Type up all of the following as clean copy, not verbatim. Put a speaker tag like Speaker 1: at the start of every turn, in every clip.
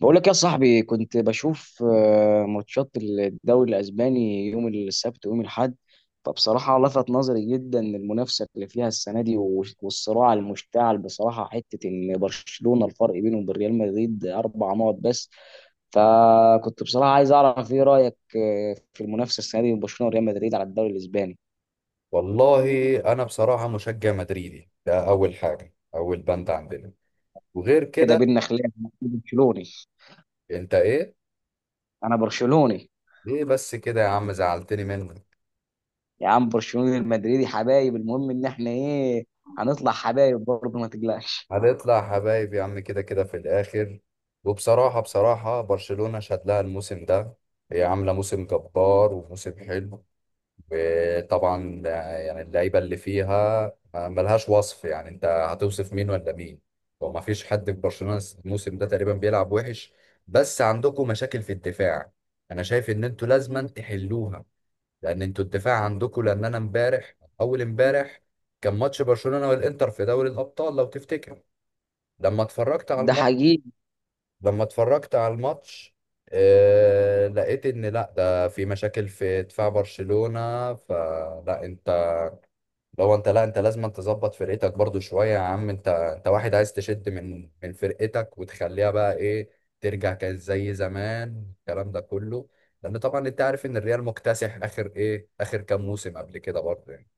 Speaker 1: بقول لك يا صاحبي كنت بشوف ماتشات الدوري الاسباني يوم السبت ويوم الاحد. فبصراحه لفت نظري جدا المنافسه اللي فيها السنه دي والصراع المشتعل بصراحه، حته ان برشلونه الفرق بينهم وبين ريال مدريد 4 نقط بس. فكنت بصراحه عايز اعرف ايه رايك في المنافسه السنه دي بين برشلونه وريال مدريد على الدوري الاسباني.
Speaker 2: والله انا بصراحه مشجع مدريدي، ده اول حاجه، اول بند عندنا. وغير
Speaker 1: كده
Speaker 2: كده.
Speaker 1: بينا خلاف، أنا برشلوني.
Speaker 2: انت ايه؟
Speaker 1: انا برشلوني.
Speaker 2: ايه بس كده يا عم، زعلتني منك.
Speaker 1: يا عم برشلوني، المدريدي حبايب، المهم ان احنا ايه؟ هنطلع حبايب برضه، ما تقلقش.
Speaker 2: هنطلع حبايب يا عم، كده كده في الاخر. وبصراحه برشلونه شاد لها الموسم ده، هي عامله موسم جبار وموسم حلو. وطبعا يعني اللعيبه اللي فيها ملهاش وصف، يعني انت هتوصف مين ولا مين؟ وما فيش حد في برشلونه الموسم ده تقريبا بيلعب وحش، بس عندكم مشاكل في الدفاع. انا شايف ان انتوا لازما تحلوها، لان انتوا الدفاع عندكم. لان انا اول امبارح كان ماتش برشلونه والانتر في دوري الابطال، لو تفتكر. لما اتفرجت على
Speaker 1: ده
Speaker 2: الماتش
Speaker 1: حقيقي.
Speaker 2: لما اتفرجت على الماتش لقيت ان لا، ده في مشاكل في دفاع برشلونه. فلا انت لو انت لا انت لازم أن تظبط فرقتك برضو شوية يا عم. انت واحد عايز تشد من فرقتك وتخليها بقى ايه، ترجع كانت زي زمان، الكلام ده كله. لان طبعا انت عارف ان الريال مكتسح اخر كام موسم قبل كده برضه يعني.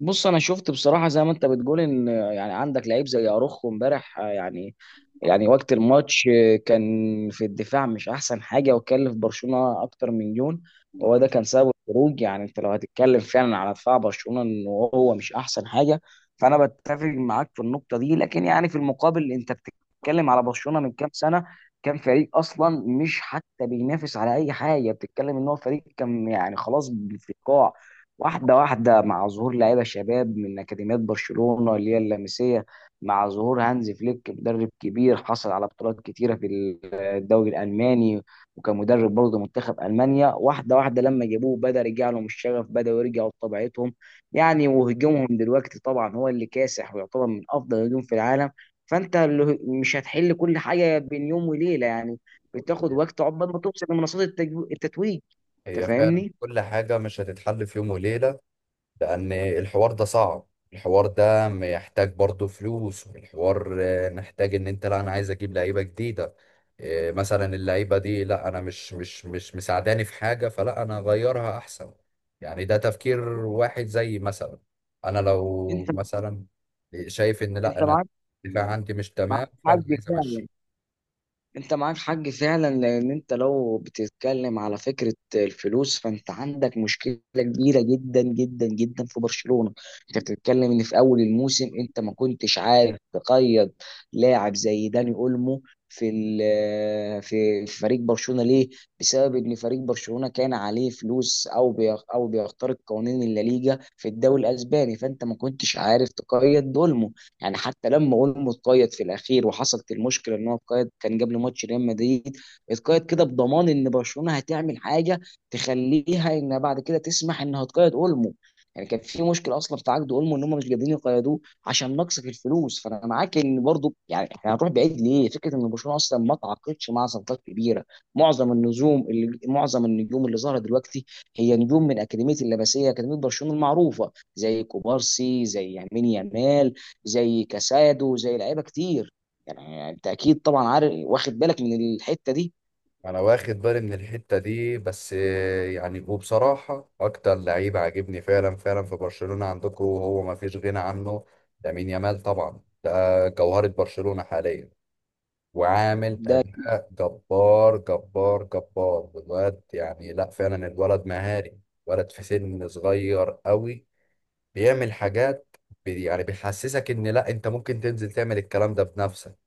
Speaker 1: بص انا شفت بصراحه زي ما انت بتقول، ان يعني عندك لعيب زي اروخو امبارح، يعني وقت الماتش كان في الدفاع مش احسن حاجه، وكلف برشلونه اكتر من جون. وهو ده كان سبب الخروج. يعني انت لو هتتكلم فعلا على دفاع برشلونه، ان هو مش احسن حاجه، فانا بتفق معاك في النقطه دي. لكن يعني في المقابل انت بتتكلم على برشلونه من كام سنه، كان فريق اصلا مش حتى بينافس على اي حاجه، بتتكلم ان هو فريق كان يعني خلاص في القاع. واحدة واحدة مع ظهور لعيبة شباب من أكاديميات برشلونة اللي هي اللمسية، مع ظهور هانز فليك، مدرب كبير حصل على بطولات كتيرة في الدوري الألماني، وكان مدرب برضه منتخب ألمانيا. واحدة واحدة لما جابوه بدأ يرجع لهم الشغف، بدأ يرجعوا لطبيعتهم. يعني وهجومهم دلوقتي طبعا هو اللي كاسح، ويعتبر من أفضل الهجوم في العالم. فأنت مش هتحل كل حاجة بين يوم وليلة، يعني بتاخد وقت عقبال ما توصل لمنصات التتويج. أنت
Speaker 2: هي فعلا
Speaker 1: فاهمني؟
Speaker 2: كل حاجة مش هتتحل في يوم وليلة، لأن الحوار ده صعب. الحوار ده محتاج برضه فلوس. والحوار محتاج إن أنت لا أنا عايز أجيب لعيبة جديدة. مثلا اللعيبة دي لا، أنا مش مساعداني في حاجة، فلا أنا أغيرها أحسن. يعني ده تفكير واحد، زي مثلا أنا لو
Speaker 1: انت
Speaker 2: مثلا شايف إن لا
Speaker 1: انت
Speaker 2: أنا
Speaker 1: معاك
Speaker 2: الدفاع عندي مش
Speaker 1: معاك
Speaker 2: تمام،
Speaker 1: حق
Speaker 2: فأنا عايز
Speaker 1: فعلا.
Speaker 2: أمشي.
Speaker 1: انت معاك حق فعلا، لان انت لو بتتكلم على فكره الفلوس، فانت عندك مشكله كبيره جدا جدا جدا في برشلونه. انت بتتكلم ان في اول الموسم انت ما كنتش عارف تقيد لاعب زي داني اولمو في ال- في في فريق برشلونه، ليه؟ بسبب ان فريق برشلونه كان عليه فلوس، او او بيخترق قوانين الليجا في الدوري الاسباني، فانت ما كنتش عارف تقيد دول. يعني حتى لما اولمو اتقيد في الاخير، وحصلت المشكله ان هو اتقيد كان قبل ماتش ريال مدريد، اتقيد كده بضمان ان برشلونه هتعمل حاجه تخليها انها بعد كده تسمح انها تقيد اولمو. يعني كان في مشكله اصلا في عقد اولمو، ان هم مش قادرين يقيدوه عشان نقص في الفلوس. فانا معاك ان برضو، يعني احنا هنروح بعيد ليه، فكره ان برشلونه اصلا ما تعاقدش مع صفقات كبيره. معظم النجوم اللي ظهرت دلوقتي هي نجوم من اكاديميه اللمسيه، اكاديميه برشلونه المعروفه، زي كوبارسي، زي يمين يامال، زي كاسادو، زي لعيبه كتير. يعني انت اكيد طبعا عارف واخد بالك من الحته دي.
Speaker 2: انا واخد بالي من الحته دي، بس يعني وبصراحه اكتر لعيب عاجبني فعلا فعلا في برشلونه عندكم وهو ما فيش غنى عنه، لامين يامال. طبعا ده جوهره برشلونه حاليا، وعامل
Speaker 1: ده
Speaker 2: اداء جبار جبار جبار الواد. يعني لا فعلا، الولد مهاري، ولد في سن صغير قوي، بيعمل حاجات، يعني بيحسسك ان لا، انت ممكن تنزل تعمل الكلام ده بنفسك.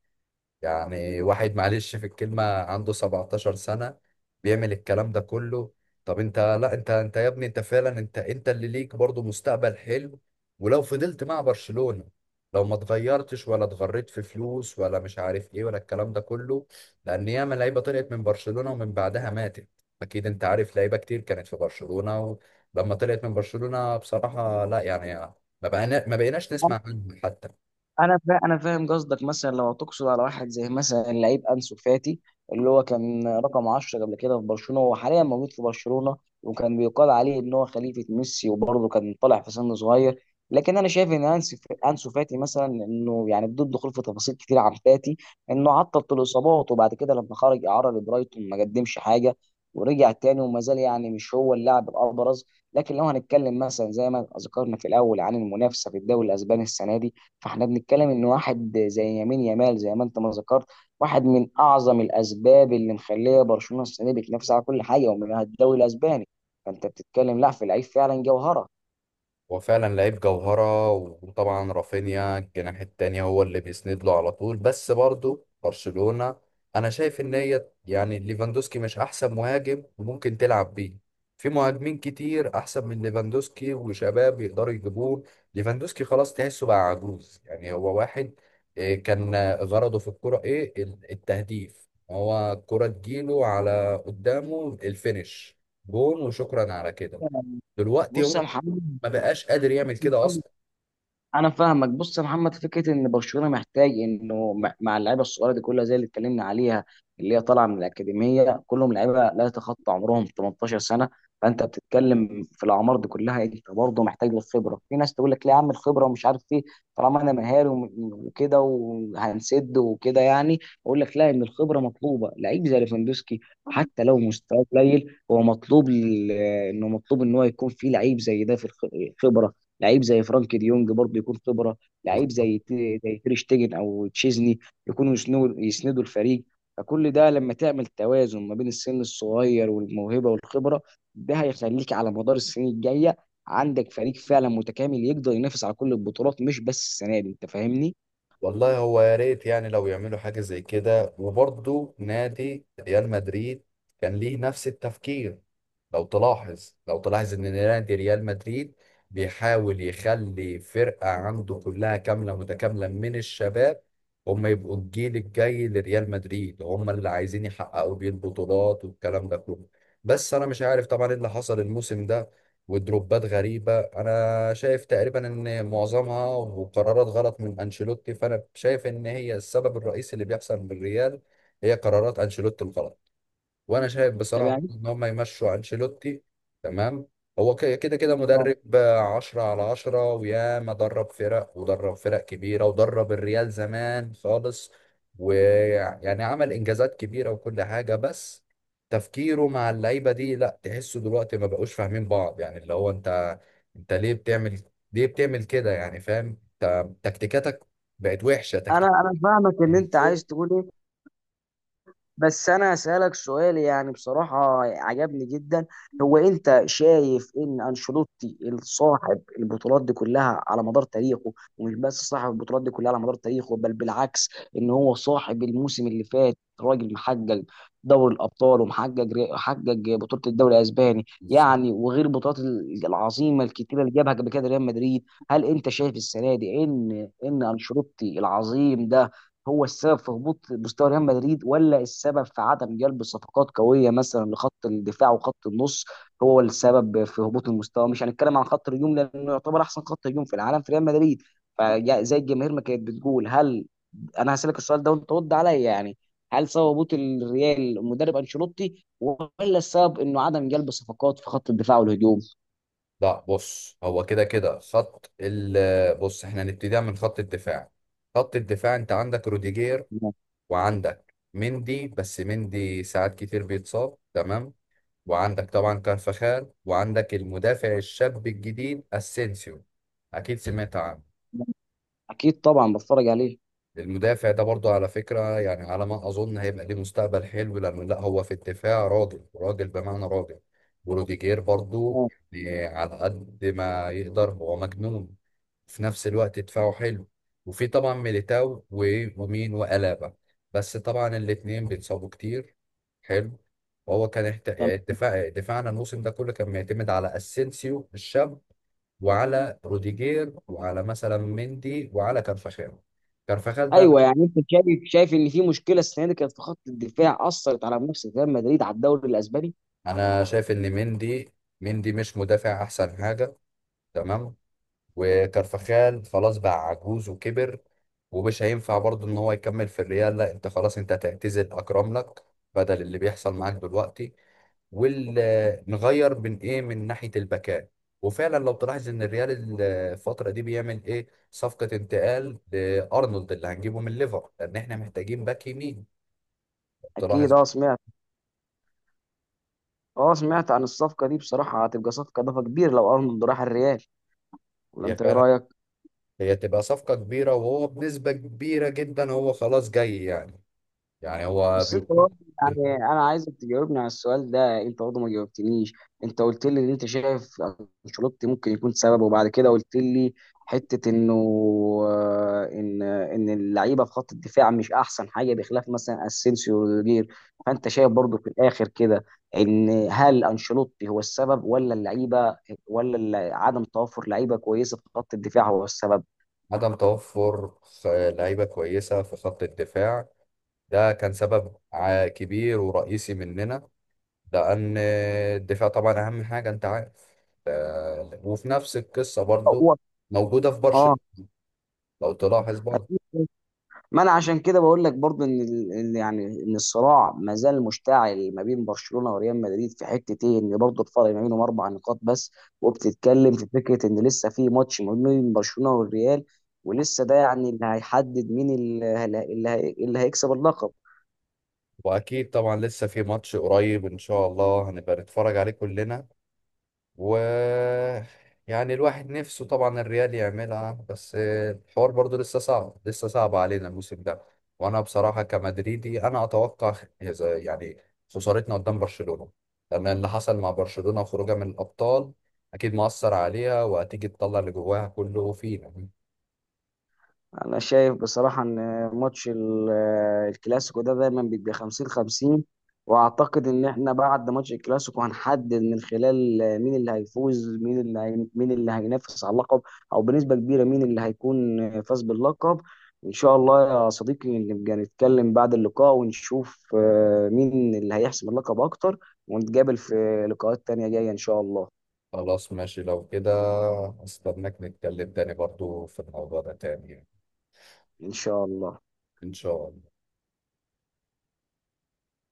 Speaker 2: يعني واحد معلش في الكلمة عنده 17 سنة بيعمل الكلام ده كله. طب انت لا انت انت يا ابني، انت فعلا، انت اللي ليك برضو مستقبل حلو، ولو فضلت مع برشلونة، لو ما اتغيرتش ولا اتغريت في فلوس، ولا مش عارف ايه، ولا الكلام ده كله. لان ياما لعيبة طلعت من برشلونة ومن بعدها ماتت. اكيد انت عارف لعيبة كتير كانت في برشلونة ولما طلعت من برشلونة بصراحة لا يعني، ما بقيناش نسمع عنهم حتى.
Speaker 1: انا فاهم قصدك. مثلا لو تقصد على واحد زي مثلا اللعيب انسو فاتي، اللي هو كان رقم 10 قبل كده في برشلونه، هو حاليا موجود في برشلونه، وكان بيقال عليه ان هو خليفه ميسي، وبرضه كان طالع في سن صغير. لكن انا شايف ان انسو، انسو فاتي مثلا، انه يعني بدون دخول في تفاصيل كتير عن فاتي، انه عطل طول الاصابات، وبعد كده لما خرج اعاره لبرايتون ما قدمش حاجه، ورجع تاني وما زال يعني مش هو اللاعب الابرز. لكن لو هنتكلم مثلا زي ما ذكرنا في الاول عن المنافسه في الدوري الاسباني السنه دي، فاحنا بنتكلم ان واحد زي يمين يامال، زي ما انت ما ذكرت، واحد من اعظم الاسباب اللي مخليه برشلونه السنه دي بتنافس على كل حاجه، ومنها الدوري الاسباني. فانت بتتكلم، لا، في لعيب فعلا جوهره.
Speaker 2: هو فعلا لعيب جوهرة، وطبعا رافينيا الجناح التاني هو اللي بيسند له على طول. بس برضه برشلونة، أنا شايف إن هي يعني ليفاندوسكي مش أحسن مهاجم ممكن تلعب بيه. في مهاجمين كتير أحسن من ليفاندوسكي وشباب يقدروا يجيبوه. ليفاندوسكي خلاص تحسه بقى عجوز، يعني هو واحد كان، غرضه في الكرة إيه، التهديف. هو الكرة تجيله على قدامه، الفينش جون وشكرا على كده. دلوقتي
Speaker 1: بص يا
Speaker 2: هو
Speaker 1: محمد،
Speaker 2: ما بقاش قادر يعمل كده اصلا.
Speaker 1: انا فاهمك. بص يا محمد، فكره ان برشلونه محتاج انه مع اللعيبه الصغيره دي كلها، زي اللي اتكلمنا عليها، اللي هي طالعه من الاكاديميه، كلهم لعيبه لا يتخطى عمرهم 18 سنه. فانت بتتكلم في الاعمار دي كلها، انت برضه محتاج للخبره. في ناس تقول لك لا يا عم الخبره ومش عارف ايه، طالما انا مهاري وكده وهنسد وكده، يعني. اقول لك لا، ان الخبره مطلوبه. لعيب زي ليفاندوسكي حتى لو مستواه قليل، هو مطلوب انه مطلوب ان هو يكون فيه لعيب زي ده في الخبره. لعيب زي فرانك ديونج برضه يكون خبره. لعيب زي تير شتيجن او تشيزني، يكونوا يسندوا الفريق. فكل ده لما تعمل توازن ما بين السن الصغير والموهبه والخبره، ده هيخليك على مدار السنين الجايه عندك فريق فعلا متكامل، يقدر ينافس على كل البطولات، مش بس السنه دي. انت فاهمني؟
Speaker 2: والله هو يا ريت يعني لو يعملوا حاجه زي كده، وبرضه نادي ريال مدريد كان ليه نفس التفكير. لو تلاحظ ان نادي ريال مدريد بيحاول يخلي فرقة عنده كلها كاملة متكاملة من الشباب، هم يبقوا الجيل الجاي لريال مدريد، هم اللي عايزين يحققوا بيه البطولات والكلام ده كله. بس انا مش عارف طبعا ايه اللي حصل الموسم ده، ودروبات غريبة. انا شايف تقريبا ان معظمها وقرارات غلط من انشيلوتي، فانا شايف ان هي السبب الرئيسي اللي بيحصل بالريال، هي قرارات انشيلوتي الغلط. وانا شايف
Speaker 1: طب
Speaker 2: بصراحه
Speaker 1: يعني،
Speaker 2: برضه ان هم يمشوا انشيلوتي. تمام. هو كده كده
Speaker 1: اه.
Speaker 2: مدرب 10 على 10، وياما درب فرق ودرب فرق كبيره، ودرب الريال زمان خالص، ويعني عمل انجازات كبيره وكل حاجه. بس تفكيره مع اللعيبه دي لا، تحسه دلوقتي ما بقوش فاهمين بعض، يعني اللي هو انت، انت ليه بتعمل كده يعني؟ فاهم انت تكتيكاتك بقت وحشه.
Speaker 1: انا
Speaker 2: تكتيك.
Speaker 1: انا فاهمك ان انت عايز تقول ايه. بس انا هسألك سؤال يعني بصراحة عجبني جدا. هو انت شايف ان انشيلوتي صاحب البطولات دي كلها على مدار تاريخه، ومش بس صاحب البطولات دي كلها على مدار تاريخه، بل بالعكس، ان هو صاحب الموسم اللي فات، راجل محقق دوري الابطال، ومحقق، حقق بطولة الدوري الاسباني يعني، وغير البطولات العظيمة الكتيرة اللي جابها قبل كده ريال مدريد. هل انت شايف السنة دي ان انشيلوتي العظيم ده هو السبب في هبوط مستوى ريال مدريد، ولا السبب في عدم جلب صفقات قويه مثلا لخط الدفاع وخط النص، هو السبب في هبوط المستوى؟ مش هنتكلم عن خط الهجوم لانه يعتبر احسن خط هجوم في العالم في ريال مدريد. فزي الجماهير ما كانت بتقول، انا هسالك السؤال ده وانت رد عليا يعني. هل سبب هبوط الريال المدرب انشيلوتي، ولا السبب انه عدم جلب صفقات في خط الدفاع والهجوم؟
Speaker 2: لا بص، هو كده كده خط ال بص، احنا هنبتديها من خط الدفاع. خط الدفاع، انت عندك روديجير، وعندك مندي، بس مندي ساعات كتير بيتصاب. تمام. وعندك طبعا كارفخال، وعندك المدافع الشاب الجديد اسينسيو. اكيد سمعت عنه.
Speaker 1: اكيد طبعا بتفرج عليه.
Speaker 2: المدافع ده برضو على فكرة يعني، على ما اظن هيبقى ليه مستقبل حلو، لانه لا، هو في الدفاع راجل راجل بمعنى راجل. وروديجير برضو،
Speaker 1: تمام.
Speaker 2: يعني على قد ما يقدر هو مجنون، في نفس الوقت دفاعه حلو. وفي طبعا ميليتاو ومين وألابا، بس طبعا الاتنين بيتصابوا كتير. حلو. وهو كان احت... دفاعنا الموسم ده كله كان بيعتمد على اسينسيو الشاب، وعلى روديجير، وعلى مثلا مندي، وعلى كارفاخال. كارفاخال ده
Speaker 1: ايوه، يعني انت شايف ان في مشكله السنه دي كانت في خط الدفاع، اثرت على منافسه ريال مدريد على الدوري الاسباني.
Speaker 2: انا شايف ان مندي مش مدافع احسن حاجة. تمام. وكرفخال خلاص بقى عجوز وكبر، ومش هينفع برضه ان هو يكمل في الريال. لا انت خلاص، انت هتعتزل اكرم لك بدل اللي بيحصل معاك دلوقتي، ونغير من ايه، من ناحية الباكات. وفعلا لو تلاحظ ان الريال الفترة دي بيعمل ايه، صفقة انتقال لارنولد اللي هنجيبه من ليفر، لان احنا محتاجين باك يمين.
Speaker 1: اكيد،
Speaker 2: تلاحظ
Speaker 1: اه، سمعت. اه، سمعت عن الصفقه دي. بصراحه هتبقى صفقه اضافه كبير لو ارنولد راح الريال، ولا
Speaker 2: هي
Speaker 1: انت ايه
Speaker 2: فعلا
Speaker 1: رايك؟
Speaker 2: هي تبقى صفقة كبيرة، وهو بنسبة كبيرة جدا هو خلاص جاي يعني. يعني هو
Speaker 1: بس انت
Speaker 2: بيكون
Speaker 1: برضه، يعني انا عايزك تجاوبني على السؤال ده. انت برضه ما جاوبتنيش. انت قلت لي ان انت شايف انشيلوتي ممكن يكون سبب، وبعد كده قلت لي حته انه ان اللعيبه في خط الدفاع مش احسن حاجه، بخلاف مثلا اسينسيو وروديجير. فانت شايف برضه في الاخر كده، ان هل انشيلوتي هو السبب، ولا اللعيبه، ولا عدم توفر لعيبه كويسه في خط الدفاع هو السبب؟
Speaker 2: عدم توفر لعيبة كويسة في خط الدفاع، ده كان سبب كبير ورئيسي مننا، لأن الدفاع طبعا أهم حاجة أنت عارف. ف- وفي نفس القصة برضو
Speaker 1: هو،
Speaker 2: موجودة في
Speaker 1: اه،
Speaker 2: برشلونة، لو تلاحظ برضو.
Speaker 1: ما انا عشان كده بقول لك برضو ان إن يعني ان الصراع ما زال مشتعل ما بين برشلونه وريال مدريد، في حته ايه، ان برضو الفرق ما بينهم 4 نقاط بس. وبتتكلم في فكره ان لسه في ماتش ما بين برشلونه والريال، ولسه ده يعني اللي هيحدد مين اللي, اللي هيكسب اللقب.
Speaker 2: وأكيد طبعا لسه في ماتش قريب إن شاء الله هنبقى نتفرج عليه كلنا. و يعني الواحد نفسه طبعا الريال يعملها، بس الحوار برضو لسه صعب، لسه صعب علينا الموسم ده. وانا بصراحة كمدريدي انا اتوقع يعني خسارتنا قدام برشلونة، لان اللي حصل مع برشلونة وخروجها من الابطال اكيد مؤثر عليها، وهتيجي تطلع اللي جواها كله فينا.
Speaker 1: انا شايف بصراحه ان ماتش الكلاسيكو ده دايما بيبقى 50 50. واعتقد ان احنا بعد ماتش الكلاسيكو هنحدد من خلال مين اللي هيفوز، مين مين اللي هينافس على اللقب، او بنسبه كبيره مين اللي هيكون فاز باللقب. ان شاء الله يا صديقي نبقى نتكلم بعد اللقاء، ونشوف مين اللي هيحسم اللقب اكتر، ونتقابل في لقاءات تانية جايه، ان شاء الله.
Speaker 2: خلاص ماشي لو كده، استناك نتكلم تاني برضو في الموضوع ده تاني يعني.
Speaker 1: ان شاء الله.
Speaker 2: ان شاء الله.